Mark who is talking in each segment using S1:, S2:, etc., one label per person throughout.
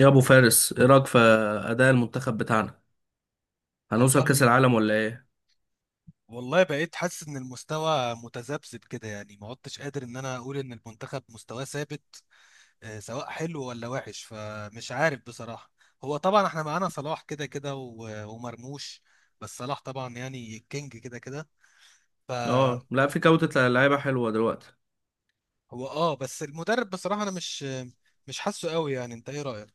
S1: يا ابو فارس، ايه رايك في اداء المنتخب بتاعنا؟ هنوصل
S2: والله
S1: كاس العالم ولا ايه؟
S2: والله بقيت حاسس ان المستوى متذبذب كده، يعني ما عدتش قادر ان انا اقول ان المنتخب مستواه ثابت. سواء حلو ولا وحش، فمش عارف بصراحة. هو طبعا احنا معانا صلاح كده كده ومرموش. بس صلاح طبعا يعني الكينج كده كده. ف
S1: اه، لا في
S2: ف-
S1: جوده لعيبه حلوه دلوقتي.
S2: هو بس المدرب بصراحة انا مش حاسه قوي، يعني انت ايه رأيك؟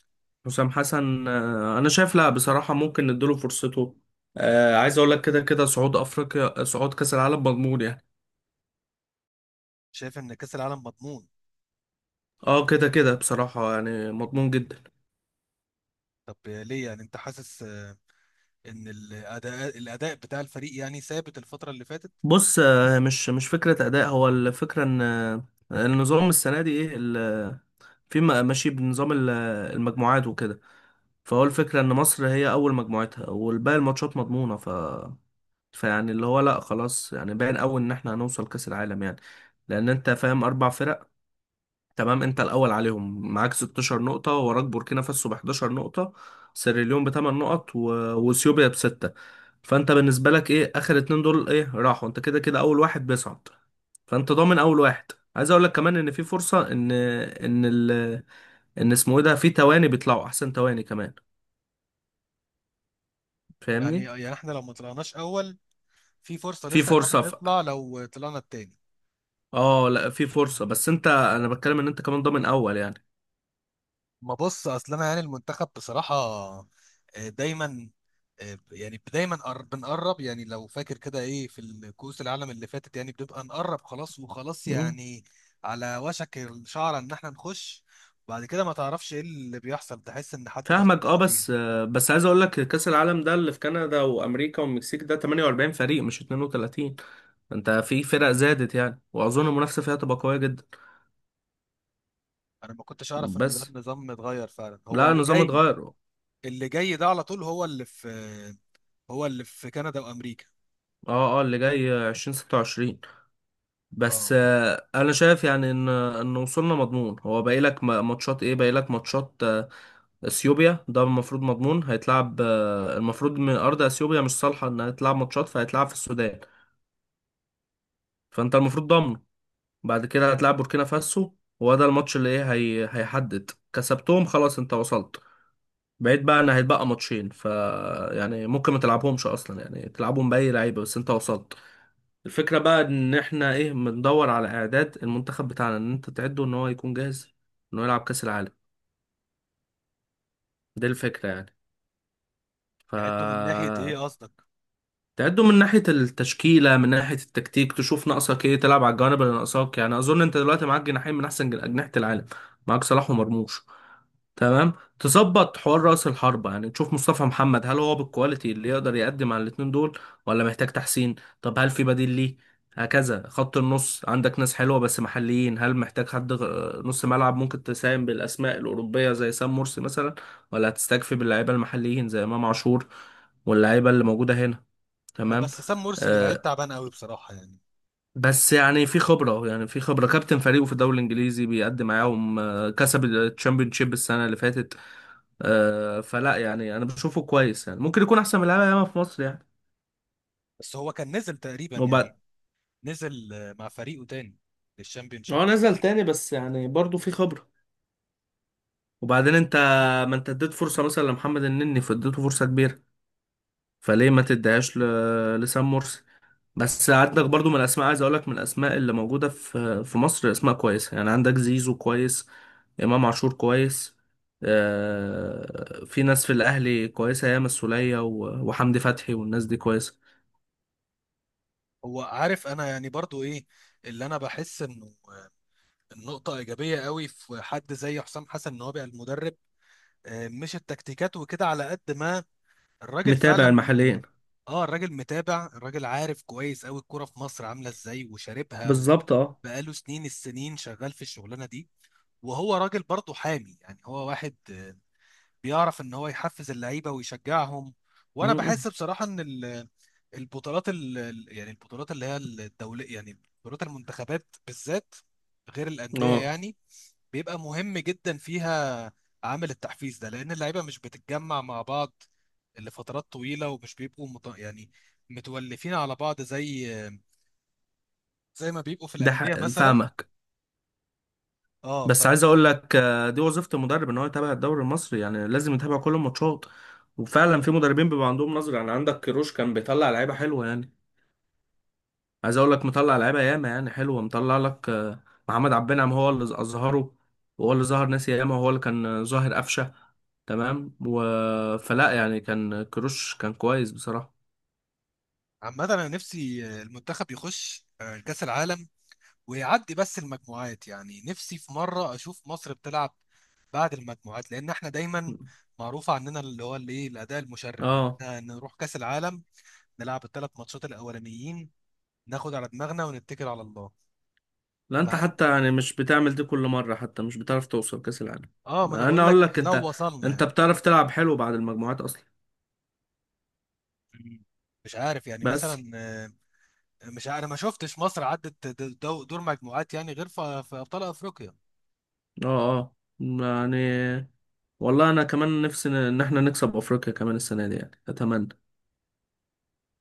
S1: حسام حسن، انا شايف، لا بصراحه ممكن نديله فرصته. آه، عايز اقول لك، كده كده صعود افريقيا، صعود كاس العالم مضمون يعني.
S2: شايف ان كأس العالم مضمون؟
S1: اه كده كده بصراحه يعني مضمون جدا.
S2: طب ليه، يعني انت حاسس ان الاداء بتاع الفريق يعني ثابت الفترة اللي فاتت؟
S1: بص، مش فكره اداء، هو الفكره ان النظام السنه دي ايه في ماشي بنظام المجموعات وكده. فهو الفكرة إن مصر هي أول مجموعتها والباقي الماتشات مضمونة. فيعني اللي هو لا خلاص، يعني باين قوي ان احنا هنوصل كاس العالم يعني، لان انت فاهم اربع فرق. تمام، انت الاول عليهم، معاك 16 نقطة، وراك بوركينا فاسو ب 11 نقطة، سيراليون بثمان نقط واثيوبيا بستة. فانت بالنسبة لك ايه اخر اتنين دول ايه راحوا، انت كده كده اول واحد بيصعد، فانت ضامن اول واحد. عايز اقول لك كمان ان في فرصة ان ان اسمه ايه ده، في تواني بيطلعوا احسن تواني كمان،
S2: يعني
S1: فاهمني.
S2: يعني احنا لو ما طلعناش اول، في فرصه
S1: في
S2: لسه ان
S1: فرصة
S2: احنا نطلع لو طلعنا التاني؟
S1: اه لا في فرصة، بس انت انا بتكلم ان انت كمان ضامن اول يعني.
S2: ما بص، اصل انا يعني المنتخب بصراحه دايما يعني دايما بنقرب، يعني لو فاكر كده ايه، في الكؤوس العالم اللي فاتت يعني بنبقى نقرب خلاص وخلاص،
S1: مم.
S2: يعني على وشك الشعره ان احنا نخش. بعد كده ما تعرفش ايه اللي بيحصل، تحس ان حد
S1: فاهمك، اه
S2: بسطنا فيها.
S1: بس بس عايز اقول لك كاس العالم ده اللي في كندا وامريكا والمكسيك ده 48 فريق مش 32. انت في فرق زادت يعني، واظن المنافسه فيها تبقى قويه جدا.
S2: انا ما كنتش اعرف ان
S1: بس
S2: ده النظام اتغير فعلا هو
S1: لا
S2: اللي
S1: النظام
S2: جاي.
S1: اتغير، اه.
S2: اللي جاي ده على طول، هو اللي في كندا وامريكا.
S1: اه اللي جاي 2026. بس
S2: اه.
S1: انا شايف يعني ان وصولنا مضمون. هو باقي لك ماتشات، ايه باقي لك ماتشات، اثيوبيا ده المفروض مضمون، هيتلعب، المفروض من ارض اثيوبيا مش صالحه انها تلعب ماتشات، فهيتلعب في السودان، فانت المفروض ضامن. بعد كده هتلعب بوركينا فاسو، هو ده الماتش اللي ايه هيحدد كسبتهم، خلاص انت وصلت. بقيت بقى ان هيتبقى ماتشين، يعني ممكن ما تلعبهمش اصلا، يعني تلعبهم باي لعيبه بس انت وصلت. الفكره بقى ان احنا ايه بندور على اعداد المنتخب بتاعنا، ان انت تعده ان هو يكون جاهز انه يلعب كاس العالم. دي الفكره يعني. ف
S2: نعده من ناحية ايه قصدك؟
S1: تعده من ناحيه التشكيله، من ناحيه التكتيك، تشوف ناقصك ايه، تلعب على الجوانب اللي ناقصاك. يعني اظن انت دلوقتي معاك جناحين من احسن اجنحه العالم، معاك صلاح ومرموش. تمام. تظبط حوار رأس الحربة، يعني تشوف مصطفى محمد هل هو بالكواليتي اللي يقدر يقدم على الاتنين دول، ولا محتاج تحسين. طب هل في بديل ليه؟ هكذا خط النص عندك ناس حلوة بس محليين. هل محتاج حد نص ملعب ممكن تساهم بالأسماء الأوروبية زي سام مرسي مثلا، ولا هتستكفي باللعيبة المحليين زي إمام عاشور واللعيبة اللي موجودة هنا؟ تمام.
S2: بس سام مرسي لعيب
S1: آه
S2: تعبان قوي بصراحة يعني.
S1: بس يعني في خبرة، يعني في خبرة، كابتن فريقه في الدوري الإنجليزي، بيقدم معاهم، كسب الشامبيونشيب السنة اللي فاتت. فلا يعني انا بشوفه كويس يعني، ممكن يكون احسن من لعيبه ياما في مصر يعني.
S2: بس هو كان نزل تقريبا
S1: وبعد،
S2: يعني، نزل مع فريقه تاني للشامبيونشيب.
S1: هو نزل تاني بس يعني برضه في خبره. وبعدين انت، ما انت اديت فرصه مثلا لمحمد النني، فاديته فرصه كبيره، فليه ما تديهاش لسام مرسي؟ بس عندك برضو من الاسماء، عايز اقول لك، من الاسماء اللي موجوده في مصر، اسماء كويسه يعني، عندك زيزو كويس، امام عاشور كويس. في ناس في الاهلي كويسه ياما، السوليه وحمدي فتحي والناس دي كويسه.
S2: هو عارف انا يعني، برضو ايه اللي انا بحس انه؟ النقطة ايجابية قوي في حد زي حسام حسن ان هو بقى المدرب. مش التكتيكات وكده على قد ما الراجل
S1: متابع
S2: فعلا.
S1: المحليين.
S2: اه الراجل متابع، الراجل عارف كويس قوي الكرة في مصر عاملة ازاي وشاربها
S1: بالظبط اه.
S2: بقاله سنين شغال في الشغلانة دي. وهو راجل برضه حامي، يعني هو واحد بيعرف ان هو يحفز اللعيبه ويشجعهم. وانا
S1: مم.
S2: بحس بصراحه ان البطولات يعني البطولات اللي هي الدوليه، يعني بطولات المنتخبات بالذات غير الانديه،
S1: اه
S2: يعني بيبقى مهم جدا فيها عامل التحفيز ده، لان اللعيبه مش بتتجمع مع بعض لفترات طويله، ومش بيبقوا يعني متولفين على بعض زي ما بيبقوا في
S1: ده
S2: الانديه
S1: حق
S2: مثلا.
S1: فاهمك.
S2: اه.
S1: بس عايز اقول لك، دي وظيفة المدرب ان هو يتابع الدوري المصري يعني، لازم يتابع كل الماتشات. وفعلا في مدربين بيبقى عندهم نظرة، يعني عندك كيروش كان بيطلع لعيبة حلوة يعني. عايز اقول لك، مطلع لعيبة ياما يعني حلوة، مطلع لك محمد عبد النعم هو اللي اظهره، وهو اللي ظهر ناس ياما، وهو اللي كان ظاهر قفشة. تمام، فلا يعني كان كيروش كان كويس بصراحة.
S2: عامة أنا نفسي المنتخب يخش كأس العالم ويعدي بس المجموعات، يعني نفسي في مرة أشوف مصر بتلعب بعد المجموعات، لأن إحنا دايما معروف عننا اللي هو اللي إيه الأداء المشرف، إن
S1: اه
S2: إحنا نروح كأس العالم نلعب الثلاث ماتشات الأولانيين، ناخد على دماغنا ونتكل على الله.
S1: لا انت
S2: مع
S1: حتى يعني مش بتعمل دي كل مرة، حتى مش بتعرف توصل كأس العالم.
S2: آه، ما أنا
S1: انا
S2: بقول لك
S1: اقول لك، انت،
S2: لو وصلنا
S1: انت
S2: يعني.
S1: بتعرف تلعب حلو بعد المجموعات اصلا.
S2: مم. مش عارف يعني
S1: بس
S2: مثلا، مش عارف، أنا ما شفتش مصر عدت دور مجموعات يعني غير في أبطال أفريقيا.
S1: اه، اه يعني، والله انا كمان نفسي ان إن احنا نكسب افريقيا كمان السنة دي يعني، اتمنى.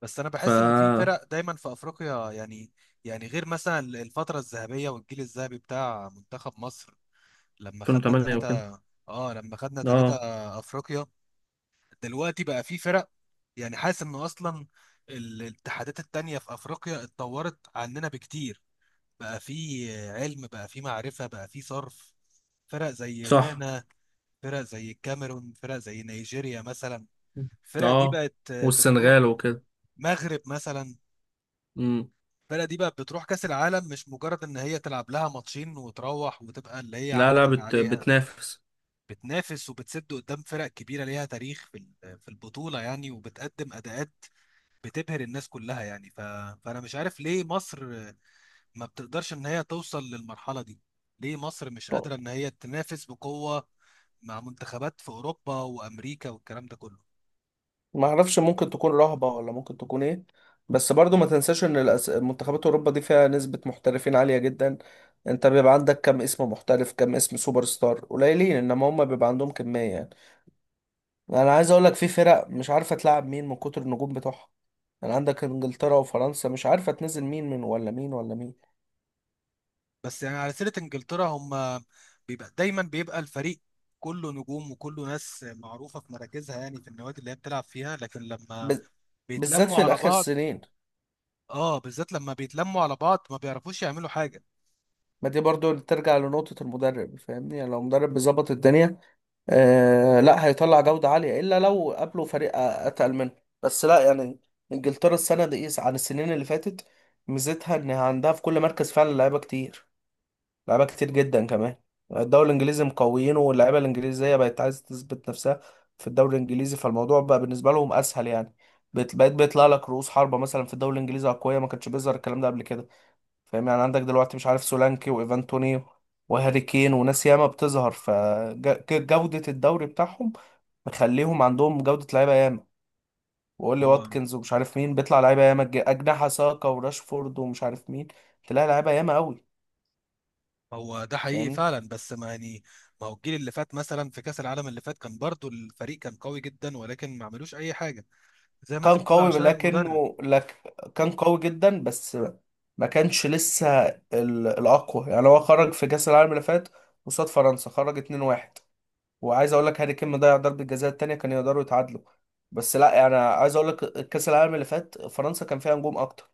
S2: بس انا
S1: ف
S2: بحس ان في فرق دايما في افريقيا، يعني يعني غير مثلا الفتره الذهبيه والجيل الذهبي بتاع منتخب مصر لما خدنا
S1: 2008 وكده.
S2: ثلاثه. اه لما خدنا ثلاثه
S1: اه
S2: افريقيا. دلوقتي بقى في فرق، يعني حاسس ان اصلا الاتحادات التانية في افريقيا اتطورت عننا بكتير. بقى في علم، بقى في معرفه، بقى في صرف. فرق زي
S1: صح.
S2: غانا، فرق زي الكاميرون، فرق زي نيجيريا مثلا. الفرق دي
S1: اه،
S2: بقت
S1: والسنغال
S2: بتروح.
S1: وكده.
S2: مغرب مثلا.
S1: امم.
S2: الفرقه دي بقى بتروح كاس العالم، مش مجرد ان هي تلعب لها ماتشين وتروح وتبقى اللي هي
S1: لا
S2: عملت
S1: لا،
S2: اللي عليها.
S1: بتنافس.
S2: بتنافس وبتسد قدام فرق كبيره ليها تاريخ في في البطوله، يعني وبتقدم اداءات بتبهر الناس كلها يعني. فانا مش عارف ليه مصر ما بتقدرش ان هي توصل للمرحله دي. ليه مصر مش قادره ان هي تنافس بقوه مع منتخبات في اوروبا وامريكا والكلام ده كله؟
S1: ما اعرفش، ممكن تكون رهبة، ولا ممكن تكون ايه. بس برضو ما تنساش ان منتخبات اوروبا دي فيها نسبة محترفين عالية جدا. انت بيبقى عندك كم اسم محترف، كم اسم سوبر ستار، قليلين، انما هم بيبقى عندهم كمية يعني. انا عايز اقول لك في فرق مش عارفة تلعب مين من كتر النجوم بتوعها، يعني عندك انجلترا وفرنسا مش عارفة تنزل مين من ولا مين ولا مين.
S2: بس يعني على سيرة انجلترا، هم دايما بيبقى الفريق كله نجوم وكله ناس معروفة في مراكزها، يعني في النوادي اللي هي بتلعب فيها، لكن لما
S1: ب- بالذات
S2: بيتلموا
S1: في
S2: على
S1: الاخر
S2: بعض.
S1: سنين.
S2: اه بالذات لما بيتلموا على بعض ما بيعرفوش يعملوا حاجة.
S1: ما دي برضو ترجع لنقطة المدرب، فاهمني، يعني لو مدرب بيظبط الدنيا، آه لا هيطلع جودة عالية، إلا لو قابله فريق أتقل منه. بس لا يعني، إنجلترا السنة دي إيه عن السنين اللي فاتت؟ ميزتها إن عندها في كل مركز فعلا لعيبة كتير، لعيبة كتير جدا كمان. الدوري الإنجليزي مقويينه، واللعيبة الإنجليزية بقت عايزة تثبت نفسها في الدوري الإنجليزي، فالموضوع بقى بالنسبة لهم أسهل يعني. بقيت بيطلع لك رؤوس حربة مثلا في الدوري الإنجليزي أقوياء، ما كانش بيظهر الكلام ده قبل كده. فاهم يعني، عندك دلوقتي مش عارف سولانكي وايفان توني وهاري كين وناس ياما بتظهر. فجودة الدوري بتاعهم مخليهم عندهم جودة لعيبة ياما. وقول لي
S2: هو
S1: واتكنز ومش عارف مين، بيطلع لعيبة ياما، أجنحة ساكا وراشفورد ومش عارف مين، تلاقي لعيبة ياما قوي.
S2: هو ده حقيقي
S1: فاهمني.
S2: فعلا، بس ما يعني، ما هو الجيل اللي فات مثلا في كأس العالم اللي فات كان برضو الفريق كان قوي جدا ولكن ما عملوش اي حاجة، زي ما انت
S1: كان
S2: بتقول
S1: قوي،
S2: عشان المدرب.
S1: لكنه لك كان قوي جدا بس ما كانش لسه الأقوى يعني. هو خرج في كأس العالم اللي فات قصاد فرنسا، خرج 2-1، وعايز اقول لك هاري كين ضيع ضربه جزاء التانيه، كان يقدروا يتعادلوا. بس لا انا عايز اقول لك كاس العالم اللي فات فرنسا كان فيها نجوم اكتر،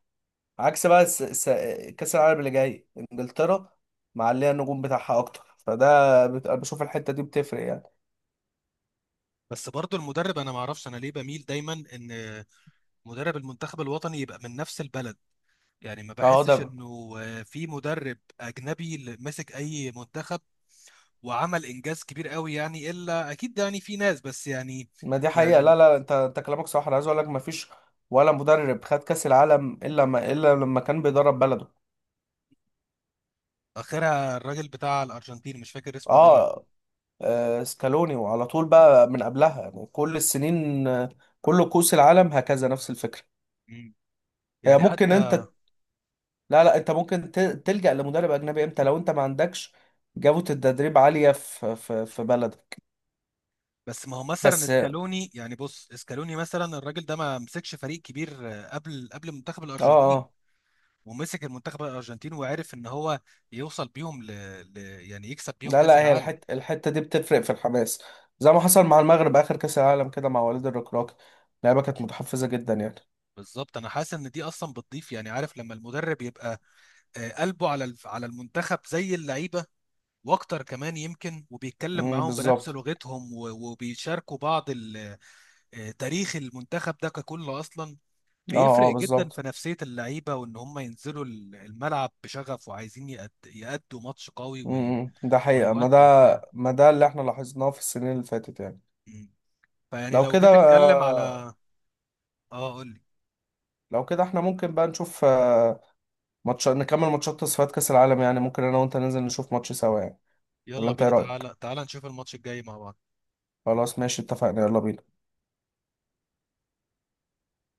S1: عكس بقى كاس العالم اللي جاي انجلترا، معليه النجوم بتاعها اكتر، فده أنا بشوف الحته دي بتفرق يعني.
S2: بس برضو المدرب، انا ما اعرفش انا ليه بميل دايما ان مدرب المنتخب الوطني يبقى من نفس البلد، يعني ما
S1: اه ده
S2: بحسش
S1: بقى.
S2: انه في مدرب اجنبي اللي مسك اي منتخب وعمل انجاز كبير قوي، يعني الا اكيد يعني في ناس، بس يعني
S1: ما دي حقيقه،
S2: يعني
S1: لا لا انت، انت كلامك صح، انا عايز اقول لك ما فيش ولا مدرب خد كاس العالم الا ما الا لما كان بيدرب بلده.
S2: اخرها الراجل بتاع الارجنتين، مش فاكر اسمه ايه.
S1: اه. سكالوني، وعلى طول بقى من قبلها يعني كل السنين، كل كؤوس العالم هكذا نفس الفكره.
S2: مم.
S1: هي
S2: يعني
S1: ممكن
S2: حتى،
S1: انت، لا لا انت ممكن تلجأ لمدرب اجنبي امتى؟ لو انت ما عندكش جودة التدريب عالية في بلدك.
S2: بس ما هو مثلا
S1: بس اه،
S2: اسكالوني، يعني بص اسكالوني مثلا الراجل ده ما مسكش فريق كبير قبل منتخب الارجنتين،
S1: اه
S2: ومسك المنتخب الارجنتين وعرف ان هو يوصل بيهم ل... يعني يكسب بيهم
S1: لا
S2: كاس
S1: لا، هي
S2: العالم.
S1: الحتة دي بتفرق في الحماس، زي ما حصل مع المغرب اخر كأس العالم كده مع وليد الركراكي، اللعيبة كانت متحفزة جدا يعني.
S2: بالظبط، انا حاسس ان دي اصلا بتضيف، يعني عارف لما المدرب يبقى قلبه على على المنتخب زي اللعيبه، واكتر كمان يمكن، وبيتكلم معاهم بنفس
S1: بالظبط.
S2: لغتهم وبيشاركوا بعض تاريخ المنتخب ده ككل اصلا
S1: اه
S2: بيفرق
S1: اه
S2: جدا
S1: بالظبط.
S2: في نفسيه اللعيبه، وان هم ينزلوا الملعب بشغف وعايزين يأدوا ماتش قوي
S1: امم، ده حقيقة.
S2: ويودوا وبتاع.
S1: ما ده اللي احنا لاحظناه في السنين اللي فاتت يعني.
S2: مم. فيعني
S1: لو
S2: لو
S1: كده
S2: جيت اتكلم على، اه قول لي.
S1: لو كده احنا ممكن بقى نشوف ماتش، نكمل ماتشات تصفيات كأس العالم، يعني ممكن انا وانت ننزل نشوف ماتش سوا يعني، ولا
S2: يلا
S1: انت ايه
S2: بينا،
S1: رأيك؟
S2: تعالى تعالى نشوف الماتش الجاي مع بعض.
S1: خلاص ماشي اتفقنا، يلا بينا.